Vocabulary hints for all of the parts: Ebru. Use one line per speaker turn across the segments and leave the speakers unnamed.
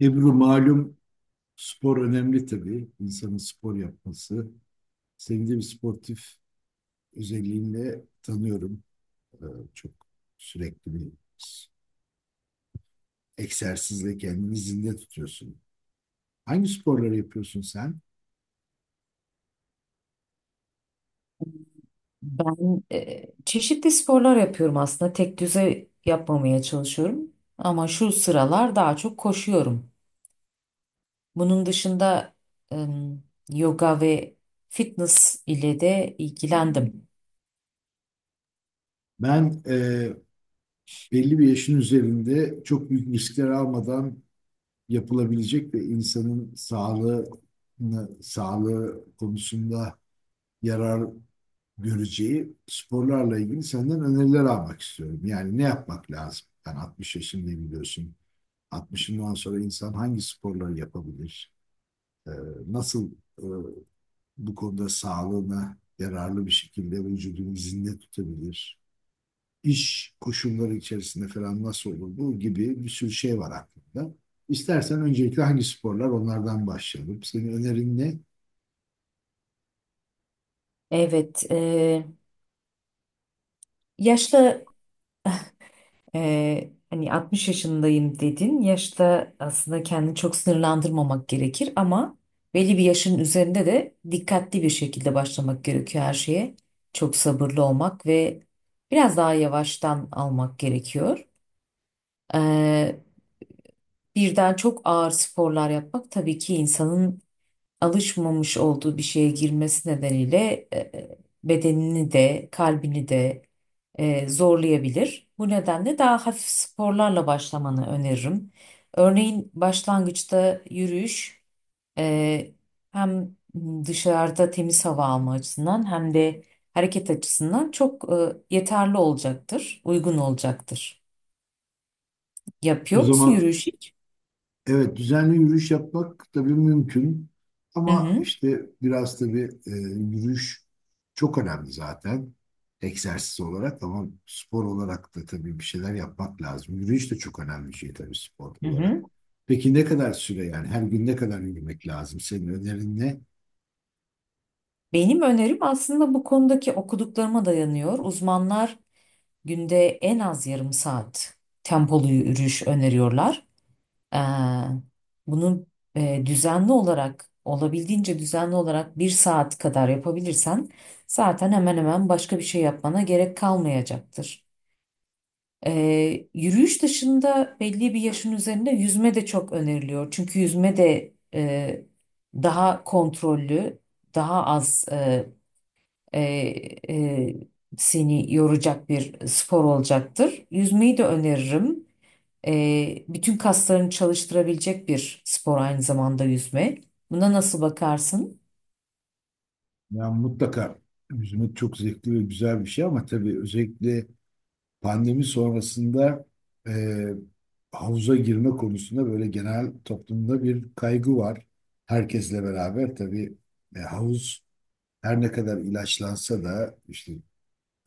Ebru malum spor önemli tabii. İnsanın spor yapması. Seni de bir sportif özelliğinle tanıyorum. Ee, çok sürekli bir s- egzersizle kendini zinde tutuyorsun. Hangi sporları yapıyorsun sen?
Ben çeşitli sporlar yapıyorum aslında. Tek düze yapmamaya çalışıyorum. Ama şu sıralar daha çok koşuyorum. Bunun dışında em, yoga ve fitness ile de ilgilendim.
Ben belli bir yaşın üzerinde çok büyük riskler almadan yapılabilecek ve insanın sağlığını, sağlığı konusunda yarar göreceği sporlarla ilgili senden öneriler almak istiyorum. Yani ne yapmak lazım? Ben 60 yaşındayım biliyorsun. 60'ından sonra insan hangi sporları yapabilir? Ee, nasıl e, bu konuda sağlığına yararlı bir şekilde vücudunu zinde tutabilir? İş koşulları içerisinde falan nasıl olur? Bu gibi bir sürü şey var aklımda. İstersen öncelikle hangi sporlar onlardan başlayalım. Senin önerin ne?
Evet, e, yaşlı hani 60 yaşındayım dedin. Yaşta aslında kendini çok sınırlandırmamak gerekir ama belli bir yaşın üzerinde de dikkatli bir şekilde başlamak gerekiyor her şeye. Çok sabırlı olmak ve biraz daha yavaştan almak gerekiyor. Ee, Birden çok ağır sporlar yapmak tabii ki insanın alışmamış olduğu bir şeye girmesi nedeniyle bedenini de kalbini de zorlayabilir. Bu nedenle daha hafif sporlarla başlamanı öneririm. Örneğin başlangıçta yürüyüş e, hem dışarıda temiz hava alma açısından hem de hareket açısından çok yeterli olacaktır, uygun olacaktır.
O
Yapıyor musun
zaman
yürüyüş hiç?
evet, düzenli yürüyüş yapmak tabii mümkün
Hı
ama
hı.
işte biraz tabii yürüyüş çok önemli zaten egzersiz olarak ama spor olarak da tabii bir şeyler yapmak lazım. Yürüyüş de çok önemli bir şey tabii spor
Hı hı.
olarak. Peki ne kadar süre yani her gün ne kadar yürümek lazım? Senin önerin ne?
Benim önerim aslında bu konudaki okuduklarıma dayanıyor. Uzmanlar günde en az yarım saat tempolu yürüyüş öneriyorlar. Ee, Bunu düzenli olarak, olabildiğince düzenli olarak bir saat kadar yapabilirsen zaten hemen hemen başka bir şey yapmana gerek kalmayacaktır. Yürüyüş dışında belli bir yaşın üzerinde yüzme de çok öneriliyor. Çünkü yüzme de daha kontrollü, daha az e, e, seni yoracak bir spor olacaktır. Yüzmeyi de öneririm. Bütün kaslarını çalıştırabilecek bir spor aynı zamanda yüzme. Buna nasıl bakarsın?
Ya mutlaka yüzmek çok zevkli ve güzel bir şey ama tabii özellikle pandemi sonrasında e, havuza girme konusunda böyle genel toplumda bir kaygı var. Herkesle beraber tabii havuz her ne kadar ilaçlansa da işte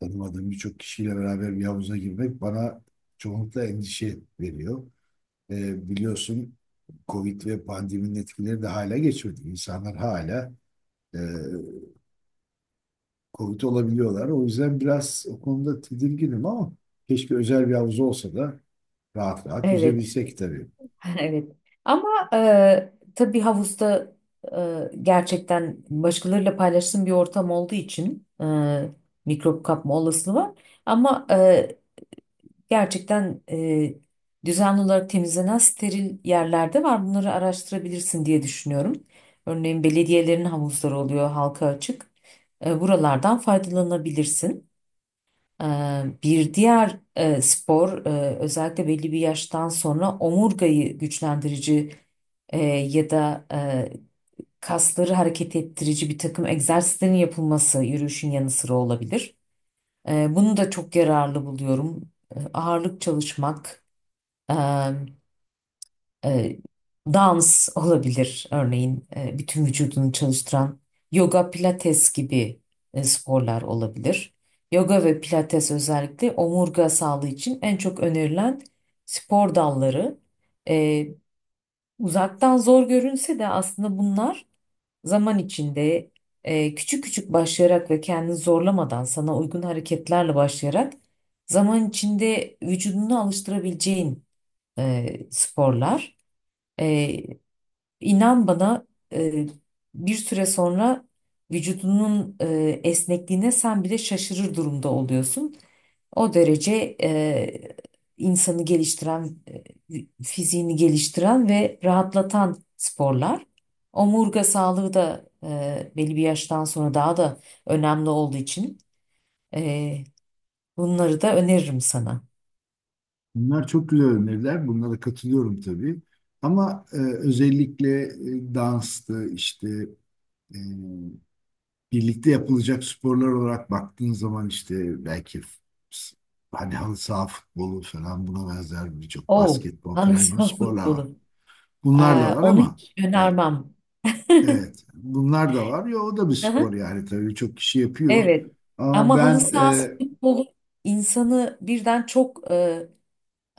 tanımadığım birçok kişiyle beraber bir havuza girmek bana çoğunlukla endişe veriyor. Biliyorsun Covid ve pandeminin etkileri de hala geçmedi. İnsanlar hala e, Covid olabiliyorlar. O yüzden biraz o konuda tedirginim ama keşke özel bir havuz olsa da rahat rahat
Evet,
yüzebilsek tabii.
evet. Ama tabii havuzda gerçekten başkalarıyla paylaştığım bir ortam olduğu için mikrop kapma olasılığı var. Ama gerçekten düzenli olarak temizlenen steril yerlerde var. Bunları araştırabilirsin diye düşünüyorum. Örneğin belediyelerin havuzları oluyor halka açık. Buralardan faydalanabilirsin. E, Bir diğer spor, özellikle belli bir yaştan sonra omurgayı güçlendirici ya da kasları hareket ettirici bir takım egzersizlerin yapılması yürüyüşün yanı sıra olabilir. Bunu da çok yararlı buluyorum. Ağırlık çalışmak, ee, e, dans olabilir örneğin, bütün vücudunu çalıştıran yoga, pilates gibi sporlar olabilir. Yoga ve pilates özellikle omurga sağlığı için en çok önerilen spor dalları. Ee, Uzaktan zor görünse de aslında bunlar zaman içinde küçük küçük başlayarak ve kendini zorlamadan sana uygun hareketlerle başlayarak zaman içinde vücudunu alıştırabileceğin sporlar. Ee, inan bana, e, bir süre sonra vücudunun esnekliğine sen bile şaşırır durumda oluyorsun. O derece insanı geliştiren, fiziğini geliştiren ve rahatlatan sporlar. Omurga sağlığı da belli bir yaştan sonra daha da önemli olduğu için e, bunları da öneririm sana.
Bunlar çok güzel öneriler. Bunlara katılıyorum tabii. Ama özellikle danstı işte e, birlikte yapılacak sporlar olarak baktığın zaman işte belki hani halı saha futbolu falan buna benzer birçok
Oh,
basketbol
halı
falan gibi
saha
sporlar var.
futbolu. Ee,
Bunlar da var
Onu
ama
hiç
ya,
önermem.
evet, bunlar da var. Ya o da bir
Hı
spor
hı,
yani tabii çok kişi yapıyor.
evet.
Ama
Ama halı
ben
sahası
e,
futbolu insanı birden çok e,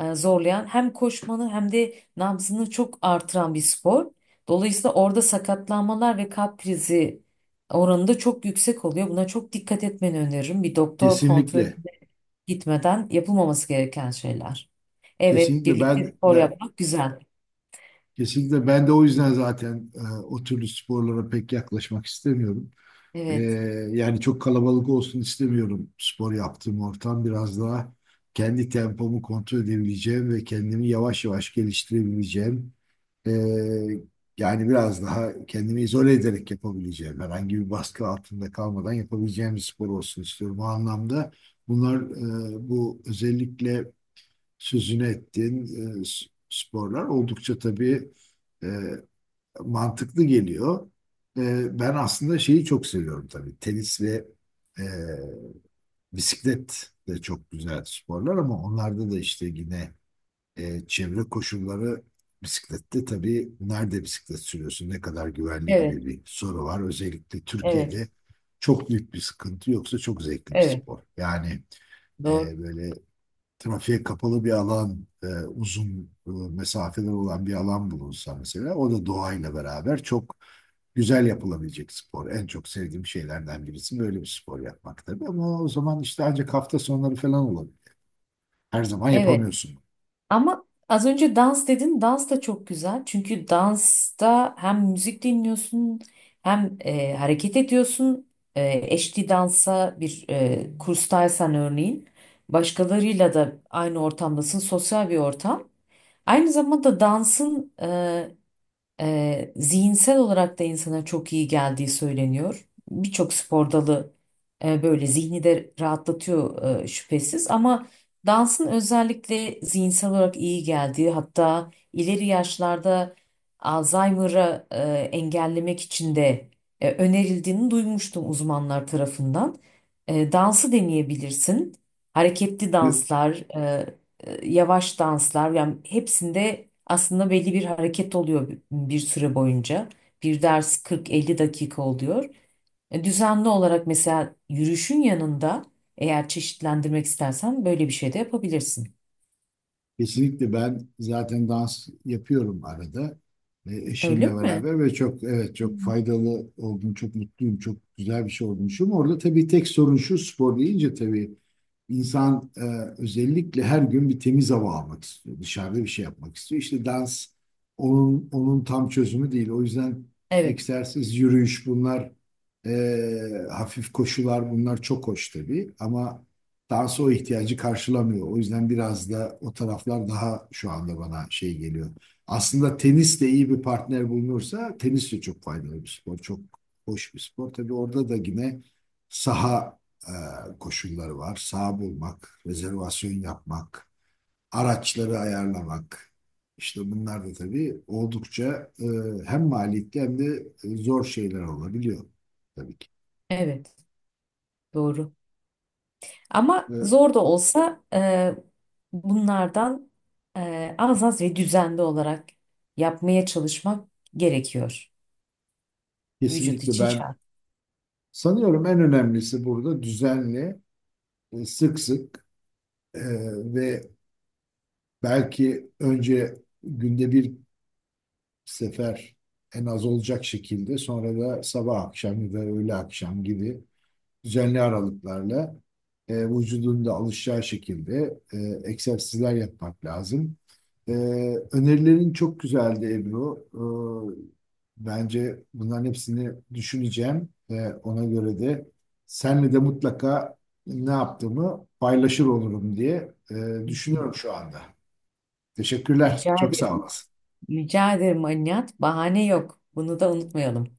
e, zorlayan, hem koşmanı hem de nabzını çok artıran bir spor. Dolayısıyla orada sakatlanmalar ve kalp krizi oranı da çok yüksek oluyor. Buna çok dikkat etmeni öneririm. Bir doktor kontrolüne
kesinlikle,
gitmeden yapılmaması gereken şeyler. Evet,
kesinlikle
birlikte
ben,
spor
ben
yapmak güzel.
kesinlikle ben de o yüzden zaten o türlü sporlara pek yaklaşmak istemiyorum. Ee,
Evet,
yani çok kalabalık olsun istemiyorum spor yaptığım ortam. Biraz daha kendi tempomu kontrol edebileceğim ve kendimi yavaş yavaş geliştirebileceğim. Ee, yani biraz daha kendimi izole ederek yapabileceğim. Herhangi bir baskı altında kalmadan yapabileceğim bir spor olsun istiyorum. O anlamda bunlar bu özellikle sözünü ettiğin sporlar oldukça tabii e, mantıklı geliyor. E, ben aslında şeyi çok seviyorum tabii. Tenis ve e, bisiklet de çok güzel sporlar ama onlarda da işte yine çevre koşulları bisiklette tabii nerede bisiklet sürüyorsun, ne kadar güvenli gibi
evet,
bir soru var. Özellikle
evet,
Türkiye'de çok büyük bir sıkıntı yoksa çok zevkli bir
evet.
spor. Yani
Doğru.
böyle trafiğe kapalı bir alan, uzun mesafeler olan bir alan bulunsa mesela o da doğayla beraber çok güzel yapılabilecek spor. En çok sevdiğim şeylerden birisi böyle bir spor yapmak tabii. Ama o zaman işte ancak hafta sonları falan olabilir. Her zaman
Evet,
yapamıyorsun.
ama az önce dans dedin. Dans da çok güzel. Çünkü dansta hem müzik dinliyorsun, hem hareket ediyorsun. E, Eşli dansa, bir kurstaysan örneğin, başkalarıyla da aynı ortamdasın. Sosyal bir ortam. Aynı zamanda dansın zihinsel olarak da insana çok iyi geldiği söyleniyor. Birçok spor dalı böyle zihni de rahatlatıyor şüphesiz, ama dansın özellikle zihinsel olarak iyi geldiği, hatta ileri yaşlarda Alzheimer'ı engellemek için de önerildiğini duymuştum uzmanlar tarafından. Dansı deneyebilirsin. Hareketli danslar, yavaş danslar, yani hepsinde aslında belli bir hareket oluyor bir süre boyunca. Bir ders 40-50 dakika oluyor. Düzenli olarak mesela yürüyüşün yanında, eğer çeşitlendirmek istersen, böyle bir şey de yapabilirsin.
Kesinlikle ben zaten dans yapıyorum arada eşimle
Öyle mi?
beraber ve çok evet çok faydalı oldum, çok mutluyum, çok güzel bir şey olmuşum. Orada tabii tek sorun şu spor deyince tabii insan özellikle her gün bir temiz hava almak istiyor, dışarıda bir şey yapmak istiyor. İşte dans onun tam çözümü değil. O yüzden
Evet,
egzersiz, yürüyüş bunlar e, hafif koşular bunlar çok hoş tabii ama dans o ihtiyacı karşılamıyor. O yüzden biraz da o taraflar daha şu anda bana şey geliyor. Aslında tenis de iyi bir partner bulunursa tenis de çok faydalı bir spor. Çok hoş bir spor. Tabii orada da yine saha koşulları var. Saha bulmak, rezervasyon yapmak, araçları ayarlamak. İşte bunlar da tabii oldukça hem maliyetli hem de zor şeyler olabiliyor tabii ki.
evet, doğru. Ama
Ve
zor da olsa bunlardan az az ve düzenli olarak yapmaya çalışmak gerekiyor. Vücut
kesinlikle
için
ben
şart.
sanıyorum en önemlisi burada düzenli, sık sık e, ve belki önce günde bir sefer en az olacak şekilde sonra da sabah akşam ya da öğle akşam gibi düzenli aralıklarla vücudun da alışacağı şekilde egzersizler yapmak lazım. E, önerilerin çok güzeldi Ebru. Bence bunların hepsini düşüneceğim ve ona göre de senle de mutlaka ne yaptığımı paylaşır olurum diye
Hı.
düşünüyorum şu anda. Teşekkürler.
Rica
Çok sağ
ederim.
olasın.
Rica ederim Alinihat. Bahane yok. Bunu da unutmayalım.